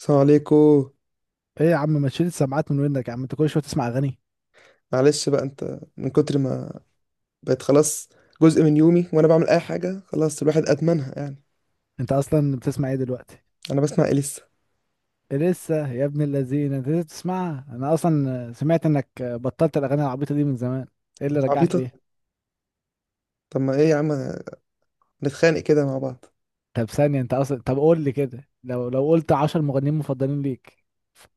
السلام عليكم. ايه يا عم ما تشيل السماعات من ودنك يا عم، انت كل شويه تسمع اغاني؟ معلش بقى، انت من كتر ما بقت خلاص جزء من يومي وانا بعمل اي حاجه، خلاص الواحد ادمنها يعني. انت اصلا بتسمع ايه دلوقتي؟ انا بسمع ايه لسه؟ لسه؟ يا ابن الذين انت لسه بتسمعها؟ انا اصلا سمعت انك بطلت الاغاني العبيطه دي من زمان. ايه اللي رجعك عبيطه؟ ليه؟ طب ما ايه يا عم، نتخانق كده مع بعض؟ طب ثانيه، انت اصلا، طب قول لي كده، لو قلت 10 مغنيين مفضلين ليك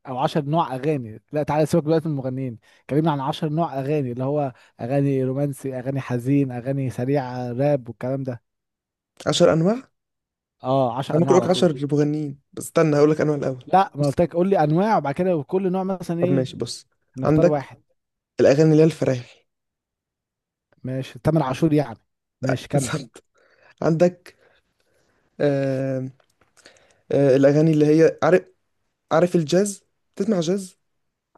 او 10 نوع اغاني. لا تعالى سيبك دلوقتي من المغنيين، كلمني عن 10 نوع اغاني، اللي هو اغاني رومانسي، اغاني حزين، اغاني سريعه، راب والكلام ده. 10 انواع انا؟ اه، 10 ممكن انواع اقولك على طول. 10 مغنيين، بس استنى هقولك انواع الاول. لا ما بص، قلت لك، قول لي انواع وبعد كده كل نوع مثلا طب ايه. ماشي، بص، هنختار عندك واحد. الاغاني اللي هي الفرايحي. ماشي، تامر عاشور يعني. ماشي كمل. بالظبط. عندك، آه الاغاني اللي هي عارف الجاز. تسمع جاز؟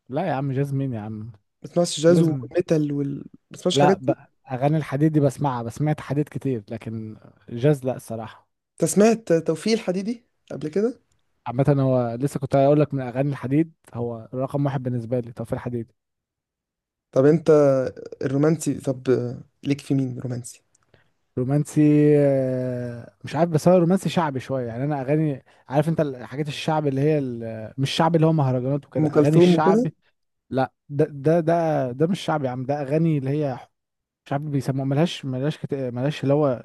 لا يا عم، جازمين يا عم، ما تسمعش جاز جازمين. والميتال ما تسمعش الحاجات لا دي؟ بقى، اغاني الحديد دي بسمعها، بسمعت حديد كتير لكن جاز لا الصراحه. انت سمعت توفيق الحديدي قبل كده؟ عامه، هو لسه كنت هقول لك من اغاني الحديد هو رقم واحد بالنسبه لي، توفيق الحديد. طب انت الرومانسي، طب ليك في مين رومانسي؟ رومانسي، مش عارف، بس هو رومانسي شعبي شويه يعني. انا اغاني، عارف انت الحاجات الشعب اللي هي مش شعب اللي هو مهرجانات وكده، ام اغاني كلثوم الشعب. وكده؟ لا، ده مش شعبي يا عم، ده اغاني اللي هي مش عارف بيسموها، ملهاش اللي هو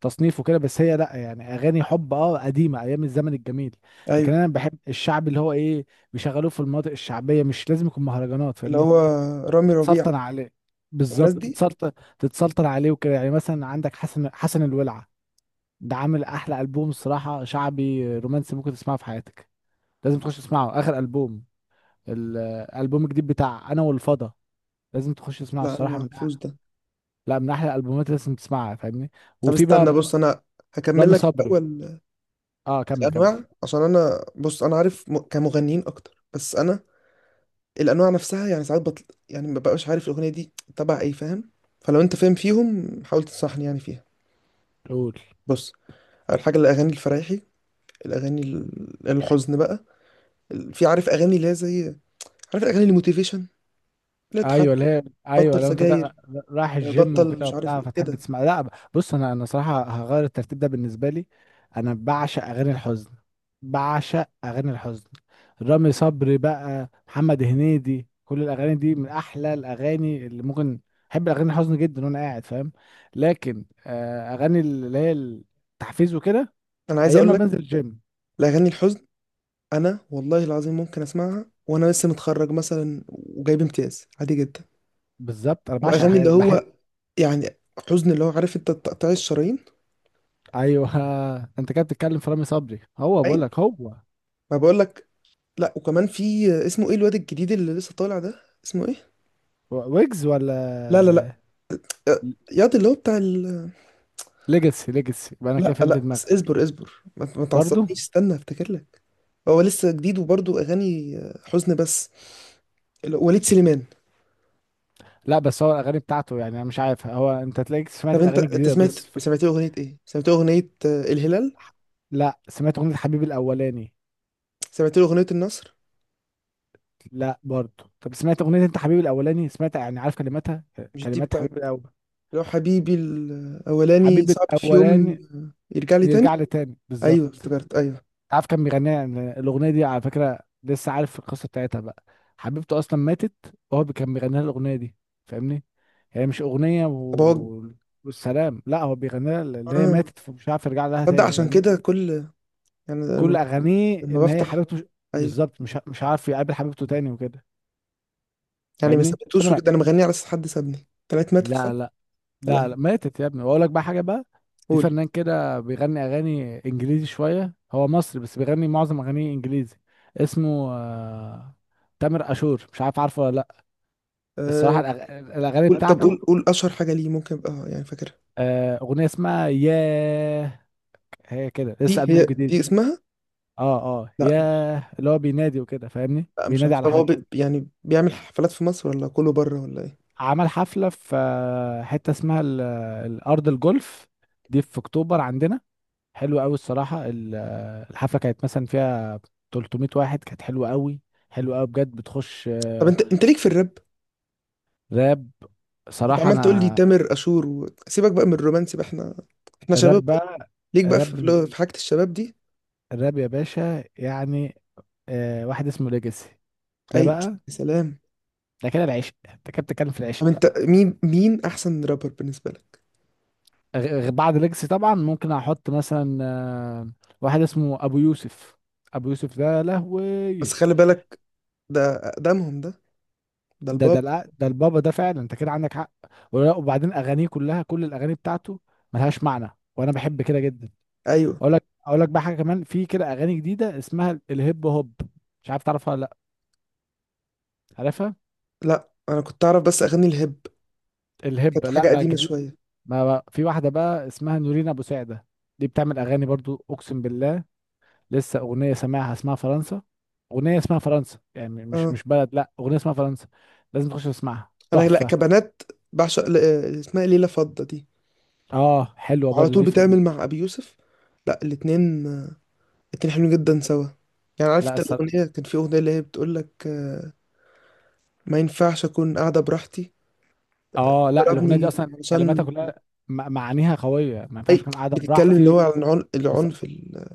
تصنيف وكده، بس هي، لا يعني اغاني حب، اه قديمه، ايام الزمن الجميل. ايوه، لكن انا بحب الشعب اللي هو ايه، بيشغلوه في المناطق الشعبيه، مش لازم يكون مهرجانات، اللي فاهمني؟ هو لو رامي ربيعه تتسلطن عليه. والناس بالظبط دي. تتسلطن. تتسلطن عليه وكده، يعني مثلا عندك حسن، حسن الولعه. ده عامل احلى البوم الصراحه شعبي رومانسي ممكن تسمعه في حياتك. لازم تخش تسمعه، اخر البوم، الالبوم الجديد بتاع انا والفضا. لازم تخش تسمعه لا انا ما الصراحه من، اعرفوش ده. لا من احلى الالبومات اللي لازم تسمعها، فاهمني؟ طب وفي بقى استنى، بص، انا هكمل رامي لك صبري. الاول اه كمل كمل. الانواع، عشان انا بص، انا عارف كمغنيين اكتر، بس انا الانواع نفسها يعني، ساعات بطل يعني ما ببقاش عارف الاغنيه دي تبع ايه، فاهم؟ فلو انت فاهم فيهم حاول تنصحني يعني فيها. قول. بص، اول حاجه الاغاني الفرايحي. الاغاني الحزن بقى. في عارف اغاني اللي هي زي، عارف الاغاني الموتيفيشن، اللي تحرك. ايوه اللي هي، بطل الحمد ايوه لله لو انت سجاير. رايح الجيم بطل وكده مش عارف وبتاع ايه فتحب كده. تسمع؟ لا. بص، انا صراحه هغير الترتيب ده بالنسبه لي، انا بعشق اغاني الحزن، بعشق اغاني الحزن. رامي صبري بقى، محمد هنيدي، كل الاغاني دي من احلى الاغاني اللي ممكن. احب الاغاني الحزن جدا وانا قاعد، فاهم؟ لكن اغاني اللي هي التحفيز وكده، انا عايز ايام اقول ما لك بنزل الجيم. الاغاني الحزن، انا والله العظيم ممكن اسمعها وانا لسه متخرج مثلا وجايب امتياز عادي جدا. بالظبط، انا بعشق واغاني الحاجات اللي دي، بحب. هو يعني حزن، اللي هو عارف انت تقطيع الشرايين. ايوه. انت كده بتتكلم في رامي صبري، هو بقول اي، لك هو. ما بقول لك. لا وكمان في، اسمه ايه الواد الجديد اللي لسه طالع ده؟ اسمه ايه؟ ويجز لا، لا، لا، ولا ياض اللي هو بتاع ليجاسي؟ ليجاسي يبقى، انا كده لا، فهمت لا، دماغك. اصبر اصبر، ما برضو. تعصبنيش، استنى افتكر لك. هو لسه جديد وبرضه اغاني حزن بس. وليد سليمان. لا بس هو الاغاني بتاعته يعني، انا مش عارف، هو انت تلاقيك طب سمعت انت الاغاني انت الجديده، سمعت بس في... سمعت له اغنيه ايه؟ سمعت له اغنيه الهلال؟ لا سمعت اغنيه حبيبي الاولاني. سمعت له اغنيه النصر؟ لا برضو، طب سمعت اغنيه، انت حبيبي الاولاني سمعت يعني، عارف كلماتها؟ مش دي كلمات بتاعت؟ حبيبي الاول، لو حبيبي الاولاني حبيبي صعب في يوم الاولاني، يرجع لي تاني. يرجع لي تاني، ايوه بالظبط. افتكرت، ايوه. عارف كان بيغنيها الاغنيه دي على فكره؟ لسه عارف القصه بتاعتها بقى، حبيبته اصلا ماتت، كان بيغني لها الاغنيه دي، فاهمني؟ هي مش اغنيه طب هو و... والسلام، لا هو بيغني لها اللي هي اه ماتت، فمش عارف يرجع لها تصدق؟ تاني، عشان فاهمني؟ كده كل، يعني كل اغانيه لما ان هي بفتح، حبيبته مش... ايوه. بالظبط، مش عارف يقابل حبيبته تاني وكده، يعني ما فاهمني سابتوش عمرك؟ وكده، انا مغني على اساس حد سابني، طلعت ماتت لا خالص. لا لا لا، لا، ماتت يا ابني. واقول لك بقى حاجه بقى، في قول. فنان كده بيغني اغاني انجليزي شويه، هو مصري بس بيغني معظم اغانيه انجليزي، اسمه تامر اشور، مش عارف عارفه ولا لا؟ الصراحه آه الاغاني قول، طب قول، بتاعته، قول اشهر حاجه ليه ممكن ابقى يعني فاكرها. اغنيه اسمها ياه، هي كده لسه دي البوم هي؟ جديد. دي اسمها؟ اه اه، لا، ياه، اللي هو بينادي وكده، فاهمني؟ لا، مش بينادي عارف. على طب هو حد. يعني بيعمل حفلات في مصر ولا كله بره ولا ايه؟ عمل حفله في حته اسمها الارض الجولف، دي في اكتوبر عندنا، حلو قوي الصراحه. الحفله كانت مثلا فيها 300 واحد، كانت حلوه قوي، حلوه قوي بجد، بتخش طب انت ليك في الراب؟ راب. انت صراحه عمال تقول لي انا، تامر عاشور سيبك بقى من الرومانسي، بقى احنا شباب. الراب بقى، ليك بقى في الراب، في حاجة الشباب دي؟ الراب يا باشا يعني، واحد اسمه ليجاسي، ده اي، بقى، يا سلام. ده كده العشق، انت كده بتتكلم في العشق طب انت بقى. مين احسن رابر بالنسبة لك؟ بعد ليجاسي طبعا، ممكن احط مثلا واحد اسمه ابو يوسف. ابو يوسف ده بس لهوي. خلي بالك، ده اقدمهم، ده ده البابا. ده البابا ده فعلا، انت كده عندك حق. وبعدين اغانيه كلها، كل الاغاني بتاعته ملهاش معنى، وانا بحب كده جدا. ايوه. اقول لك بقى حاجه، كمان في كده اغاني جديده اسمها الهيب هوب، مش عارف تعرفها ولا لا؟ عارفها. لا انا كنت اعرف بس اغاني الهيب، الهيب كانت لا حاجة بقى قديمة جديد. شوية. ما بقى في واحده بقى اسمها نورين ابو سعده، دي بتعمل اغاني برضو اقسم بالله. لسه اغنيه سامعها اسمها فرنسا، اغنيه اسمها فرنسا، يعني مش اه، مش بلد، لا اغنيه اسمها فرنسا، لازم تخش تسمعها، انا لا، تحفه. كبنات بعشق اسمها إيه؟ ليلى فضة دي، اه حلوه وعلى برضو طول دي في بتعمل مع ابي يوسف. لا، الاتنين حلوين جدا سوا. يعني عارف لا. انت، الاغنية كان في اغنية اللي هي بتقول لك ما ينفعش اكون قاعده براحتي. لا، اه لا، الاغنيه دي ضربني اصلا كلماتها عشان. كلها، معانيها قويه، ما ينفعش اي، اكون قاعده بتتكلم اللي براحتي. هو عن وص... العنف يعني.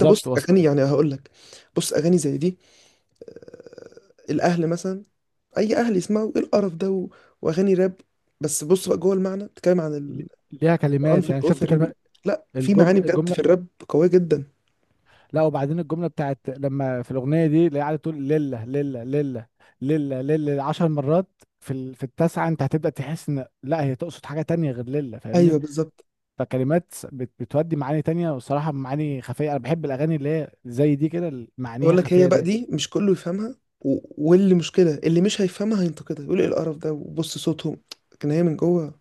انت بص، وص... اغاني يعني هقول لك، بص اغاني زي دي، آه، الاهل مثلا. اي اهل يسمعوا ايه القرف ده واغاني راب؟ بس بص بقى جوه المعنى بتتكلم عن ل- ليها العنف كلمات، يعني شفت الاسري كلمه؟ لا، في الجمله، معاني بجد الجمله. في الراب قويه جدا. لا وبعدين الجمله بتاعت لما، في الاغنيه دي اللي قاعده تقول لله لله لله لله لله 10 مرات، في ال... في التاسعه، انت هتبدا تحس ان لا هي تقصد حاجه تانية غير لله، ايوه فاهمني؟ بالظبط، فكلمات بتودي معاني تانية، وصراحه معاني خفيه، انا بحب الاغاني اللي هي زي دي كده، اللي معانيها بقول لك هي خفيه بقى دي. دي مش كله يفهمها واللي مشكله اللي مش هيفهمها هينتقدها، يقول ايه القرف ده وبص صوتهم. لكن هي من جوه.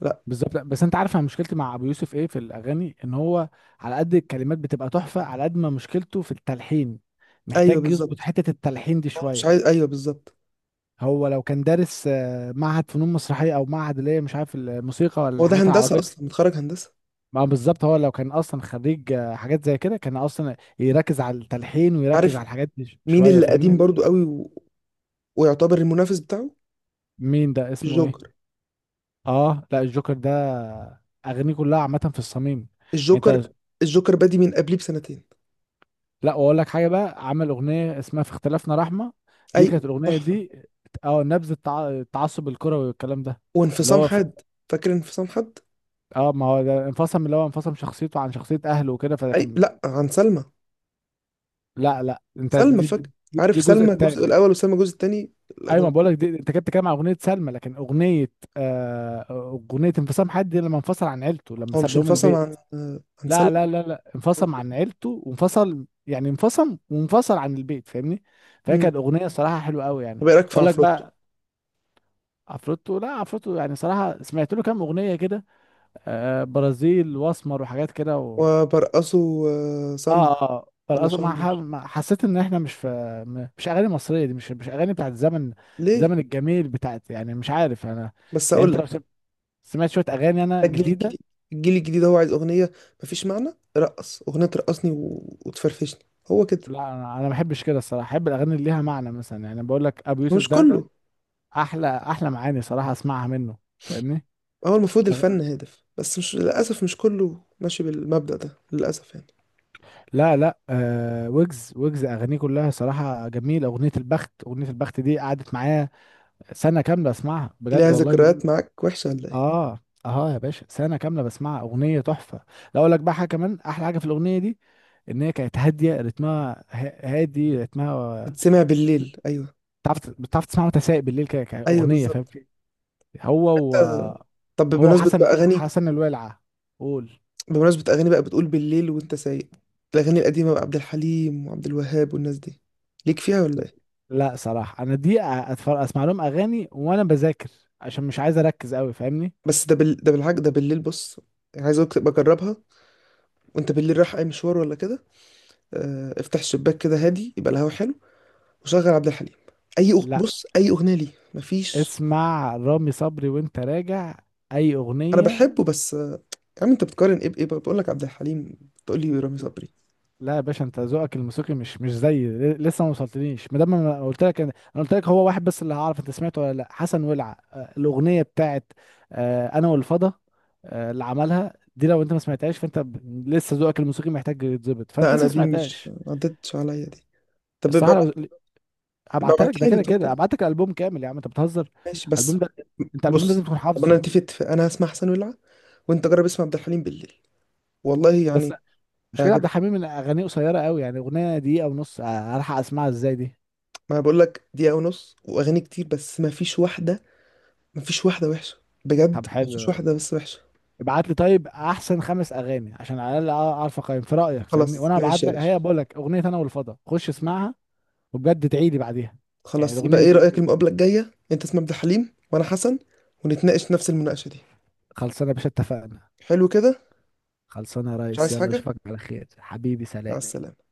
لا. بالظبط. لأ، بس انت عارف انا مشكلتي مع ابو يوسف ايه في الاغاني؟ ان هو على قد الكلمات بتبقى تحفه، على قد ما مشكلته في التلحين، ايوه محتاج يظبط بالظبط. حته التلحين دي هو مش شويه. عايز. ايوه بالظبط. هو لو كان دارس معهد فنون مسرحيه، او معهد اللي هي مش عارف الموسيقى، ولا هو ده الحاجات هندسه العربيه، اصلا، متخرج هندسه. ما بالظبط، هو لو كان اصلا خريج حاجات زي كده، كان اصلا يركز على التلحين ويركز عارف على الحاجات دي مين شويه، اللي فاهمني؟ قديم برضو قوي ويعتبر المنافس بتاعه؟ مين ده، اسمه ايه؟ الجوكر. اه لا، الجوكر ده اغانيه كلها عامه في الصميم، يعني الجوكر انت. الجوكر بادي من قبليه بسنتين. لا واقول لك حاجه بقى، عمل اغنيه اسمها في اختلافنا رحمه، دي اي كانت الاغنيه تحفه. دي، اه نبذ التعصب الكروي والكلام ده، اللي وانفصام هو في... حاد، فاكر انفصام حاد؟ اه ما هو ده انفصم، اللي هو انفصم شخصيته عن شخصيه اهله وكده، فده اي، كان. لا، عن سلمى. لا لا، انت سلمى دي فاكر. دي عارف الجزء سلمى الجزء الثاني. الاول وسلمى الجزء الثاني؟ ايوه ما بقول لك، دي انت كنت بتتكلم عن اغنيه سلمى، لكن اغنيه آه، اغنيه انفصام حد دي لما انفصل عن عيلته، لما هو مش ساب لهم انفصم البيت. عن عن سلمى؟ لا لا لا لا، انفصم عن عيلته وانفصل، يعني انفصم وانفصل عن البيت، فاهمني؟ فهي امم كانت اغنيه صراحه حلوه قوي طب يعني. ايه رايك في اقول لك عفروتو؟ بقى، عفروتو. لا عفروتو يعني صراحة، سمعت له كام أغنية كده، آه برازيل واسمر وحاجات كده و... وبرقصه سامبو اه اه، ولا شامبو؟ ما حسيت ان احنا مش في، مش اغاني مصرية دي، مش اغاني بتاعت زمن، ليه؟ الزمن الجميل بتاعت، يعني مش عارف انا، بس يعني اقول انت لك، لو سمعت شوية اغاني انا الجيل جديدة. الجديد الجيل الجديد هو عايز أغنية، مفيش معنى رقص، أغنية ترقصني وتفرفشني، هو كده. لا انا ما بحبش كده الصراحة، احب الاغاني اللي ليها معنى، مثلا يعني بقول لك ابو يوسف مش ده كله. احلى احلى معاني صراحة اسمعها منه، فاهمني؟ هو المفروض الفن هادف، بس مش للأسف مش كله ماشي بالمبدأ ده للأسف يعني. لا لا، آه ويجز، اغانيه كلها صراحه جميله، اغنيه البخت، اغنيه البخت دي قعدت معايا سنه كامله اسمعها، بجد ليها والله ذكريات معاك وحشة ولا إيه؟ اه. اه يا باشا، سنه كامله بسمعها، اغنيه تحفه. لا اقول لك بقى حاجه، كمان احلى حاجه في الاغنيه دي، ان هي كانت هاديه رتمها، هادي رتمها. بتسمع بالليل؟ أيوه. بتعرف تسمعها وانت سايق بالليل كده أيوه كاغنيه، فاهم؟ بالظبط. هو و... آه، طب هو بمناسبة بقى وحسن، أغاني، حسن الولعه. قول. بمناسبة أغاني بقى، بتقول بالليل وأنت سايق، الأغاني القديمة بقى عبد الحليم وعبد الوهاب والناس دي، ليك فيها ولا إيه؟ لا صراحة انا دي اتفرج اسمع لهم اغاني وانا بذاكر، عشان مش عايز اركز قوي، فاهمني؟ بس ده بالحاجة، ده بالليل، بص، يعني عايز أقولك تبقى جربها، وأنت بالليل رايح أي مشوار ولا كده، افتح الشباك كده هادي، يبقى الهوا حلو، وشغل عبد الحليم. اي لا بص، اي اغنيه ليه؟ مفيش. اسمع رامي صبري وانت راجع، اي انا اغنية. بحبه بس. يا عم انت بتقارن ايه بايه؟ بقول لك عبد الحليم، بتقول لي رامي صبري؟ لا يا باشا، انت ذوقك الموسيقي مش زي لسه ما وصلتنيش، ما دام انا قلت لك هو واحد بس اللي هعرف انت سمعته ولا لا، حسن ولع، الاغنية بتاعت انا والفضا، اللي عملها دي، لو انت ما سمعتهاش فانت لسه ذوقك الموسيقي محتاج يتظبط، لا، فانت لسه انا ما دي مش سمعتهاش. ما عدتش عليا دي. طب الصراحة ابقى لو ابقى هبعتها لك، ده ابعتها لي، كده طب كده كده هبعت لك الالبوم كامل يا عم، انت بتهزر. ماشي، بس الالبوم ده، انت الالبوم ده لازم بص. تكون طب انا حافظه. نتفق اتفاق. انا هسمع حسن ولعه، وانت جرب اسمع عبد الحليم بالليل. والله بس يعني مش كده، عبد هيعجبك. الحميد من اغانيه قصيره قوي، يعني اغنيه دقيقه ونص، الحق اسمعها ازاي دي؟ ما بقول لك، دقيقه ونص واغاني كتير، بس ما فيش واحده. ما فيش واحده وحشه بجد، طب ما فيش حلو، واحده بس وحشه. ابعت لي طيب احسن 5 اغاني، عشان على الاقل اعرف اقيم في رايك، فاهمني؟ خلاص، وانا هبعت ماشي يا لك، باشا. هي بقول لك اغنيه انا والفضا، خش اسمعها، وبجد تعيدي بعديها، يعني خلاص، يبقى الاغنيه ايه دي. رأيك؟ المقابلة الجاية انت اسمك عبد الحليم وانا حسن، ونتناقش نفس المناقشة دي. خلصانه يا باشا، اتفقنا. حلو كده. خلصانه يا مش ريس، عايز يلا حاجة. اشوفك على خير حبيبي، مع سلام. السلامة.